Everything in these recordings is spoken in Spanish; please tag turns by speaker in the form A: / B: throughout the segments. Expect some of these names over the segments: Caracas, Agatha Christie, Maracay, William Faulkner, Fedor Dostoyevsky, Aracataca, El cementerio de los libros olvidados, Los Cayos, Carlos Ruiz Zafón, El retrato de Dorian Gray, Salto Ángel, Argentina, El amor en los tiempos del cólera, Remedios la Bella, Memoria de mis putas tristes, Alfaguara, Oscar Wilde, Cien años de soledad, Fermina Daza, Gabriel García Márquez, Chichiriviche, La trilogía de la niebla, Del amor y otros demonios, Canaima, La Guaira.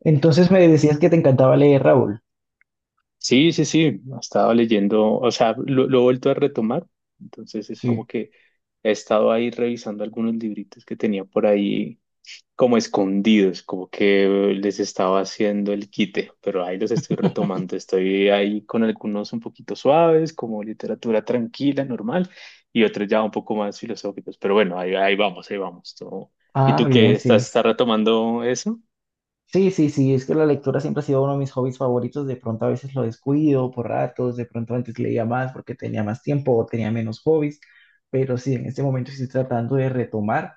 A: Entonces me decías que te encantaba leer, Raúl.
B: Sí, sí, sí, he estado leyendo, o sea, lo he vuelto a retomar, entonces es
A: Sí.
B: como que he estado ahí revisando algunos libritos que tenía por ahí como escondidos, como que les estaba haciendo el quite, pero ahí los estoy retomando, estoy ahí con algunos un poquito suaves, como literatura tranquila, normal, y otros ya un poco más filosóficos, pero bueno, ahí, ahí vamos, ahí vamos. Todo. ¿Y
A: Ah,
B: tú
A: bien,
B: qué estás,
A: sí.
B: estás retomando eso?
A: Sí, sí, sí, es que la lectura siempre ha sido uno de mis hobbies favoritos. De pronto a veces lo descuido por ratos, de pronto antes leía más porque tenía más tiempo o tenía menos hobbies, pero sí, en este momento estoy tratando de retomar.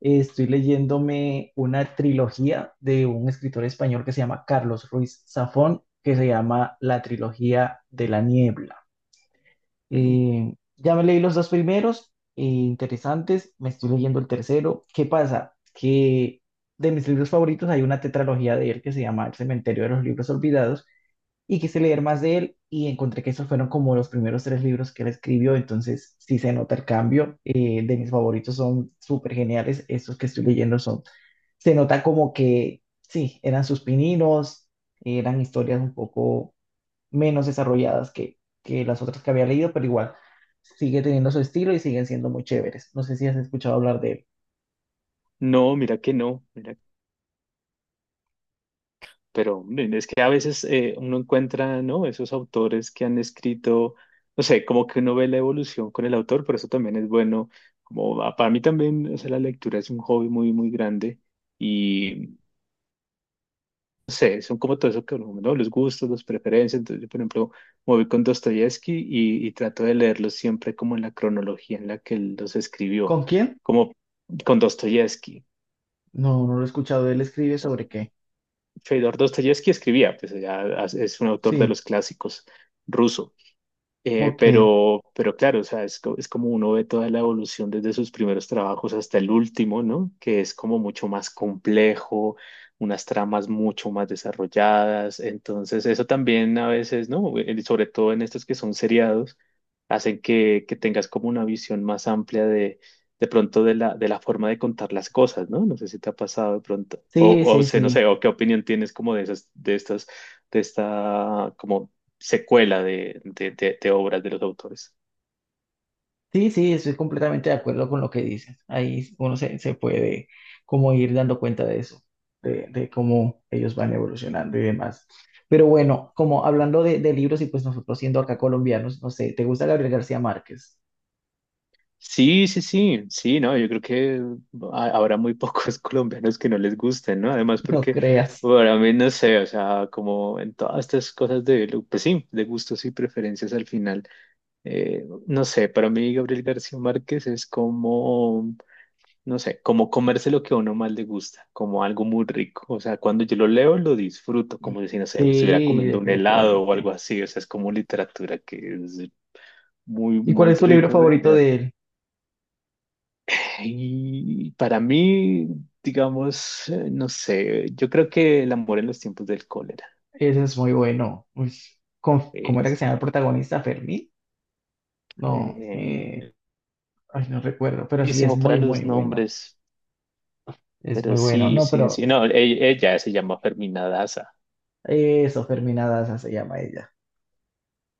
A: Estoy leyéndome una trilogía de un escritor español que se llama Carlos Ruiz Zafón, que se llama La trilogía de la niebla.
B: Mm,
A: Eh, ya me leí los dos primeros, interesantes, me estoy leyendo el tercero. ¿Qué pasa? Que de mis libros favoritos hay una tetralogía de él que se llama El cementerio de los libros olvidados y quise leer más de él y encontré que esos fueron como los primeros tres libros que él escribió, entonces sí se nota el cambio. De mis favoritos son súper geniales, estos que estoy leyendo son, se nota como que sí, eran sus pininos, eran historias un poco menos desarrolladas que las otras que había leído, pero igual sigue teniendo su estilo y siguen siendo muy chéveres. No sé si has escuchado hablar de él.
B: No, mira que no, mira. Pero hombre, es que a veces uno encuentra, ¿no? Esos autores que han escrito, no sé, como que uno ve la evolución con el autor, por eso también es bueno. Como para mí también, o sea, la lectura es un hobby muy, muy grande y, no sé, son como todo eso que uno, ¿no? Los gustos, las preferencias. Entonces, yo, por ejemplo, me voy con Dostoyevsky y trato de leerlos siempre como en la cronología en la que él los escribió,
A: ¿Con quién?
B: como con Dostoyevsky.
A: No, no lo he escuchado. Él escribe sobre qué.
B: Fedor Dostoyevsky escribía, pues ya es un autor de
A: Sí,
B: los clásicos ruso. Eh,
A: ok.
B: pero, pero claro, o sea, es, es como uno ve toda la evolución desde sus primeros trabajos hasta el último, ¿no? Que es como mucho más complejo, unas tramas mucho más desarrolladas. Entonces, eso también a veces, ¿no? Sobre todo en estos que son seriados, hacen que tengas como una visión más amplia de pronto de la forma de contar las cosas, ¿no? No sé si te ha pasado de pronto,
A: Sí,
B: o
A: sí,
B: sé, no
A: sí.
B: sé, o qué opinión tienes como de esas, de estas, de esta, como secuela de, de obras de los autores.
A: Sí, sí, estoy completamente de acuerdo con lo que dices. Ahí uno se puede como ir dando cuenta de eso, de cómo ellos van evolucionando y demás. Pero bueno, como hablando de libros y pues nosotros siendo acá colombianos, no sé, ¿te gusta Gabriel García Márquez?
B: Sí, sí, sí, sí, no, yo creo que habrá muy pocos colombianos que no les gusten, ¿no? Además,
A: No
B: porque
A: creas.
B: para mí, no sé, o sea, como en todas estas cosas de, pues sí, de gustos y preferencias al final, no sé, para mí Gabriel García Márquez es como, no sé, como comerse lo que a uno más le gusta, como algo muy rico, o sea, cuando yo lo leo lo disfruto, como si, no sé, me estuviera
A: Sí,
B: comiendo un helado o
A: definitivamente.
B: algo así, o sea, es como literatura que es muy,
A: ¿Y cuál
B: muy
A: es tu libro
B: rico de
A: favorito
B: ver.
A: de él?
B: Y para mí, digamos, no sé, yo creo que el amor en los tiempos del cólera
A: Ese es muy bueno. Uy, ¿Cómo era que se
B: es
A: llama el protagonista? ¿Fermín? No,
B: eh,
A: ay, no recuerdo, pero sí, es
B: buenísimo para
A: muy,
B: los
A: muy bueno.
B: nombres,
A: Es muy
B: pero
A: bueno.
B: sí,
A: No,
B: sí,
A: pero
B: sí, no, ella se llama Fermina Daza,
A: eso, Fermín Daza se llama ella.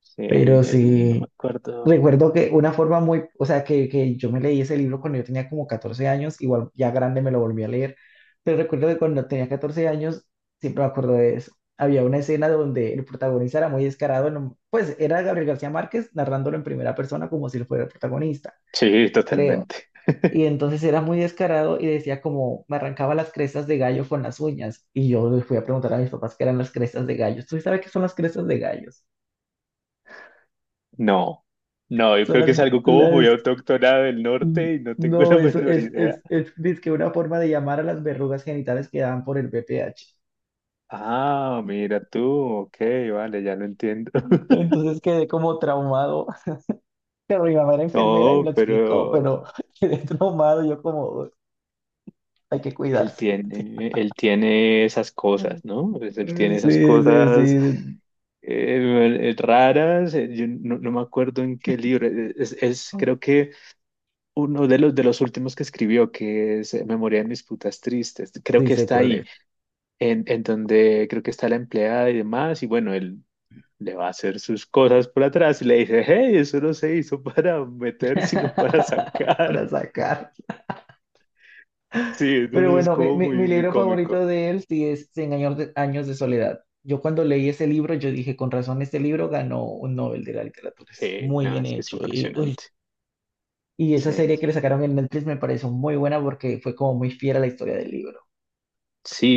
B: sí,
A: Pero
B: no me
A: sí,
B: acuerdo.
A: recuerdo que una forma muy, o sea, que yo me leí ese libro cuando yo tenía como 14 años, igual ya grande me lo volví a leer, pero recuerdo que cuando tenía 14 años, siempre me acuerdo de eso. Había una escena donde el protagonista era muy descarado, pues era Gabriel García Márquez narrándolo en primera persona como si él fuera el protagonista,
B: Sí,
A: creo.
B: totalmente.
A: Y entonces era muy descarado y decía como me arrancaba las crestas de gallo con las uñas. Y yo le fui a preguntar a mis papás qué eran las crestas de gallos. ¿Tú sabes qué son las crestas de gallos?
B: No, no, yo
A: Son
B: creo que es algo como muy
A: las
B: autóctona del
A: N-
B: norte y no tengo
A: no,
B: la
A: eso
B: menor
A: es,
B: idea.
A: es, es, dizque una forma de llamar a las verrugas genitales que dan por el BPH.
B: Ah, mira tú, ok, vale, ya lo entiendo.
A: Entonces quedé como traumado. Pero mi mamá era enfermera y me lo
B: No,
A: explicó, pero
B: pero
A: quedé traumado. Yo como, hay que cuidarse.
B: él tiene esas
A: Mm.
B: cosas, ¿no? Pues él tiene esas
A: Sí, sí,
B: cosas
A: sí.
B: raras. Yo no, no me acuerdo en qué libro. Es creo que uno de los últimos que escribió, que es Memoria de mis putas tristes. Creo
A: Sí
B: que
A: sé
B: está
A: cuál
B: ahí,
A: es.
B: en donde creo que está la empleada y demás. Y bueno, él le va a hacer sus cosas por atrás y le dice, hey, eso no se hizo para meter, sino para
A: Para
B: sacar.
A: sacar.
B: Sí,
A: Pero
B: entonces es
A: bueno,
B: como
A: mi
B: muy, muy
A: libro
B: cómico.
A: favorito de él sí es Cien años de años de soledad. Yo cuando leí ese libro, yo dije, con razón, este libro ganó un Nobel de la literatura. Es
B: Sí,
A: muy
B: nada,
A: bien
B: es que es
A: hecho. Y uy,
B: impresionante.
A: y esa
B: Sí,
A: serie que le
B: sí.
A: sacaron en Netflix me pareció muy buena porque fue como muy fiel a la historia del libro.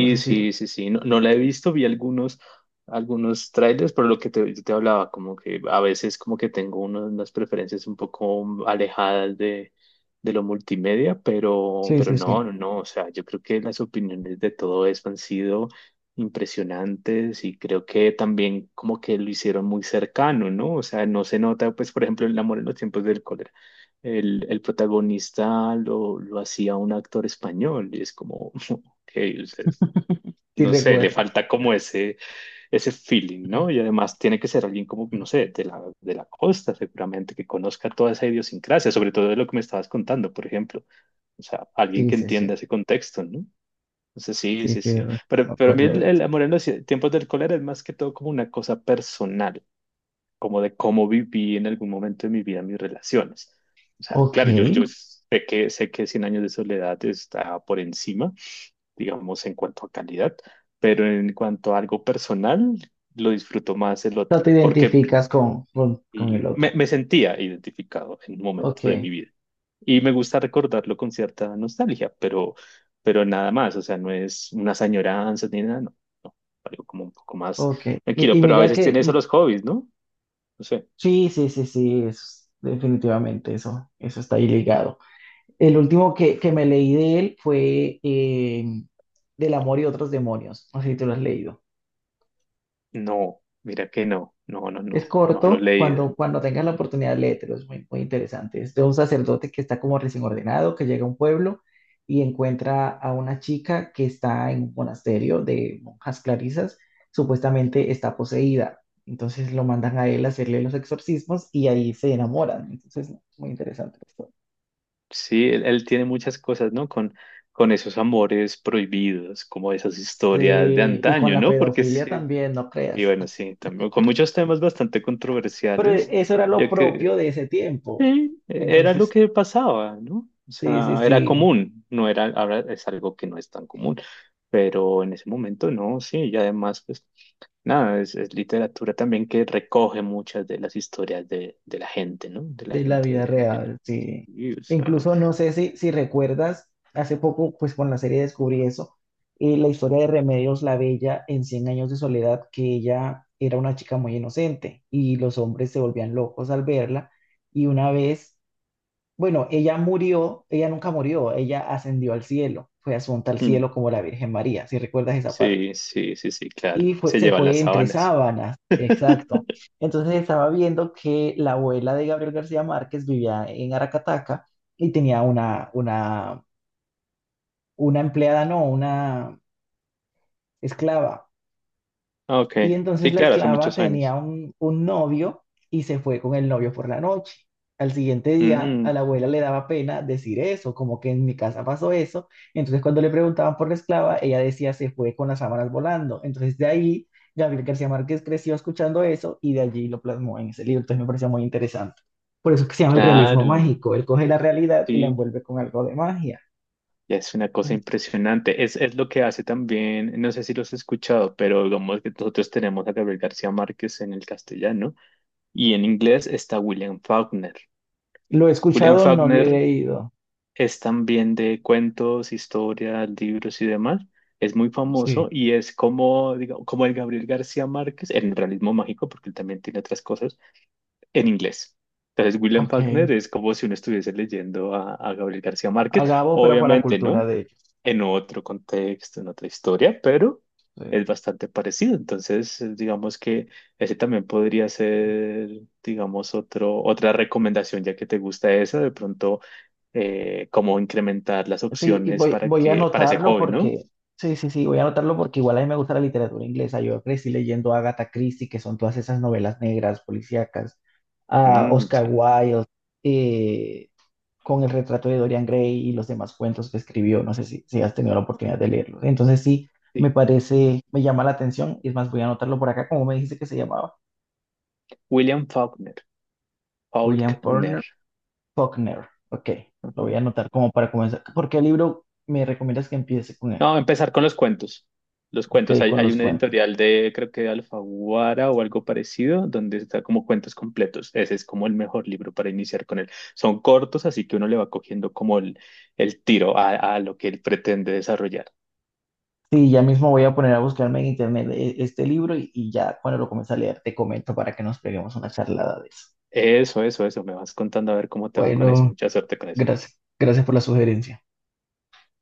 A: No sé si...
B: sí, sí, sí. No, no la he visto, vi algunos, algunos trailers, pero lo que te, yo te hablaba, como que a veces como que tengo unas preferencias un poco alejadas de lo multimedia,
A: Sí,
B: pero
A: sí, sí.
B: no, no, no. O sea, yo creo que las opiniones de todo eso han sido impresionantes y creo que también como que lo hicieron muy cercano, ¿no? O sea, no se nota, pues, por ejemplo, el amor en los tiempos del cólera. El protagonista lo hacía un actor español y es como... Ok, o sea,
A: Sí
B: no sé, le
A: recuerdo.
B: falta como ese feeling, ¿no? Y además tiene que ser alguien como, no sé, de la costa seguramente, que conozca toda esa idiosincrasia, sobre todo de lo que me estabas contando, por ejemplo. O sea, alguien
A: Sí,
B: que
A: sí,
B: entienda
A: sí.
B: ese contexto, ¿no? Entonces, sí,
A: Sí,
B: sí,
A: sí,
B: sí.
A: sí, me
B: Pero a mí
A: acuerdo de eso.
B: el amor en los tiempos del cólera es más que todo como una cosa personal, como de cómo viví en algún momento de mi vida mis relaciones. O sea,
A: Ok.
B: claro, yo sé que cien años de soledad está por encima digamos, en cuanto a calidad, pero en cuanto a algo personal, lo disfruto más el otro,
A: No te
B: porque
A: identificas con el
B: y
A: otro.
B: me sentía identificado en un momento
A: Ok,
B: de mi vida. Y me gusta recordarlo con cierta nostalgia, pero nada más, o sea, no es unas añoranzas ni nada, no, no, algo como un poco más
A: ok.
B: tranquilo,
A: Y
B: pero a
A: mira
B: veces
A: que...
B: tiene eso los hobbies, ¿no? No sé,
A: sí, sí, sí, sí. Definitivamente eso. Eso está ahí ligado. El último que me leí de él fue Del amor y otros demonios. No sé si tú lo has leído.
B: no, mira que no, no, no,
A: Es
B: no, no lo he
A: corto,
B: leído.
A: cuando tengas la oportunidad, léetelo, es muy, muy interesante. Es de un sacerdote que está como recién ordenado, que llega a un pueblo y encuentra a una chica que está en un monasterio de monjas clarisas, supuestamente está poseída. Entonces lo mandan a él a hacerle los exorcismos y ahí se enamoran. Entonces, no, muy interesante esto.
B: Sí, él tiene muchas cosas, ¿no? Con esos amores prohibidos, como esas historias de
A: Sí, y con
B: antaño,
A: la
B: ¿no? Porque
A: pedofilia
B: sí,
A: también, no
B: y
A: creas.
B: bueno, sí, también, con muchos temas bastante
A: Pero
B: controversiales,
A: eso era lo
B: ya que
A: propio de ese tiempo.
B: era lo
A: Entonces,
B: que pasaba, ¿no? O
A: sí, sí,
B: sea, era
A: sí.
B: común, no era, ahora es algo que no es tan común, pero en ese momento no, sí, y además, pues, nada, es literatura también que recoge muchas de las historias de la gente, ¿no? De la
A: De la vida
B: gente del...
A: real, sí.
B: Y, o sea,
A: Incluso no sé si recuerdas, hace poco, pues con la serie descubrí eso, la historia de Remedios la Bella en cien años de soledad, que ella era una chica muy inocente y los hombres se volvían locos al verla. Y una vez, bueno, ella murió, ella nunca murió, ella ascendió al cielo, fue asunta al
B: mm,
A: cielo como la Virgen María, si recuerdas esa parte
B: sí, sí, sí, sí, claro.
A: y fue,
B: Se
A: se
B: lleva las
A: fue entre
B: sábanas.
A: sábanas, exacto. Entonces estaba viendo que la abuela de Gabriel García Márquez vivía en Aracataca y tenía una empleada, no, una esclava.
B: Ok,
A: Y entonces
B: sí,
A: la
B: claro, hace
A: esclava
B: muchos
A: tenía
B: años.
A: un novio y se fue con el novio por la noche. Al siguiente día, a
B: Mm,
A: la abuela le daba pena decir eso, como que en mi casa pasó eso. Entonces, cuando le preguntaban por la esclava, ella decía se fue con las sábanas volando. Entonces, de ahí, Gabriel García Márquez creció escuchando eso y de allí lo plasmó en ese libro. Entonces, me pareció muy interesante. Por eso es que se llama el realismo
B: claro,
A: mágico. Él coge la realidad y la
B: sí,
A: envuelve con algo de magia.
B: ya es una cosa
A: Entonces,
B: impresionante. Es lo que hace también, no sé si los has escuchado, pero digamos que nosotros tenemos a Gabriel García Márquez en el castellano y en inglés está William Faulkner.
A: lo he
B: William
A: escuchado, no lo he
B: Faulkner
A: leído.
B: es también de cuentos, historias, libros y demás. Es muy
A: Sí,
B: famoso y es como, como el Gabriel García Márquez en el realismo mágico, porque él también tiene otras cosas, en inglés. Entonces, William
A: ok.
B: Faulkner es como si uno estuviese leyendo a Gabriel García
A: A
B: Márquez,
A: Gabo, pero para la
B: obviamente,
A: cultura
B: ¿no?
A: de
B: En otro contexto, en otra historia, pero
A: sí,
B: es bastante parecido. Entonces, digamos que ese también podría ser, digamos, otro, otra recomendación, ya que te gusta esa, de pronto cómo incrementar las
A: sí, y
B: opciones
A: voy,
B: para
A: voy a
B: que, para ese
A: anotarlo
B: joven, ¿no?
A: porque, sí, sí, sí, voy a anotarlo porque igual a mí me gusta la literatura inglesa. Yo crecí leyendo a Agatha Christie, que son todas esas novelas negras, policíacas, a
B: Mm,
A: Oscar
B: sí,
A: Wilde, eh, con el retrato de Dorian Gray y los demás cuentos que escribió. No sé si has tenido la oportunidad de leerlos. Entonces sí, me
B: sí.
A: parece, me llama la atención. Y es más, voy a anotarlo por acá, como me dijiste que se llamaba,
B: William Faulkner.
A: William
B: Faulkner.
A: Faulkner. Faulkner. Ok, lo
B: Ajá.
A: voy a anotar como para comenzar. ¿Por qué libro me recomiendas que empiece con él?
B: No, empezar con los cuentos. Los cuentos.
A: Ok,
B: Hay,
A: con
B: hay
A: los
B: una
A: cuentos.
B: editorial de, creo que de Alfaguara o algo parecido, donde está como cuentos completos. Ese es como el mejor libro para iniciar con él. Son cortos, así que uno le va cogiendo como el tiro a lo que él pretende desarrollar.
A: Sí, ya mismo voy a poner a buscarme en internet este libro y ya cuando lo comience a leer te comento para que nos peguemos una charlada de eso.
B: Eso, eso, eso. Me vas contando a ver cómo te va con eso.
A: Bueno,
B: Mucha suerte con eso.
A: gracias. Gracias por la sugerencia.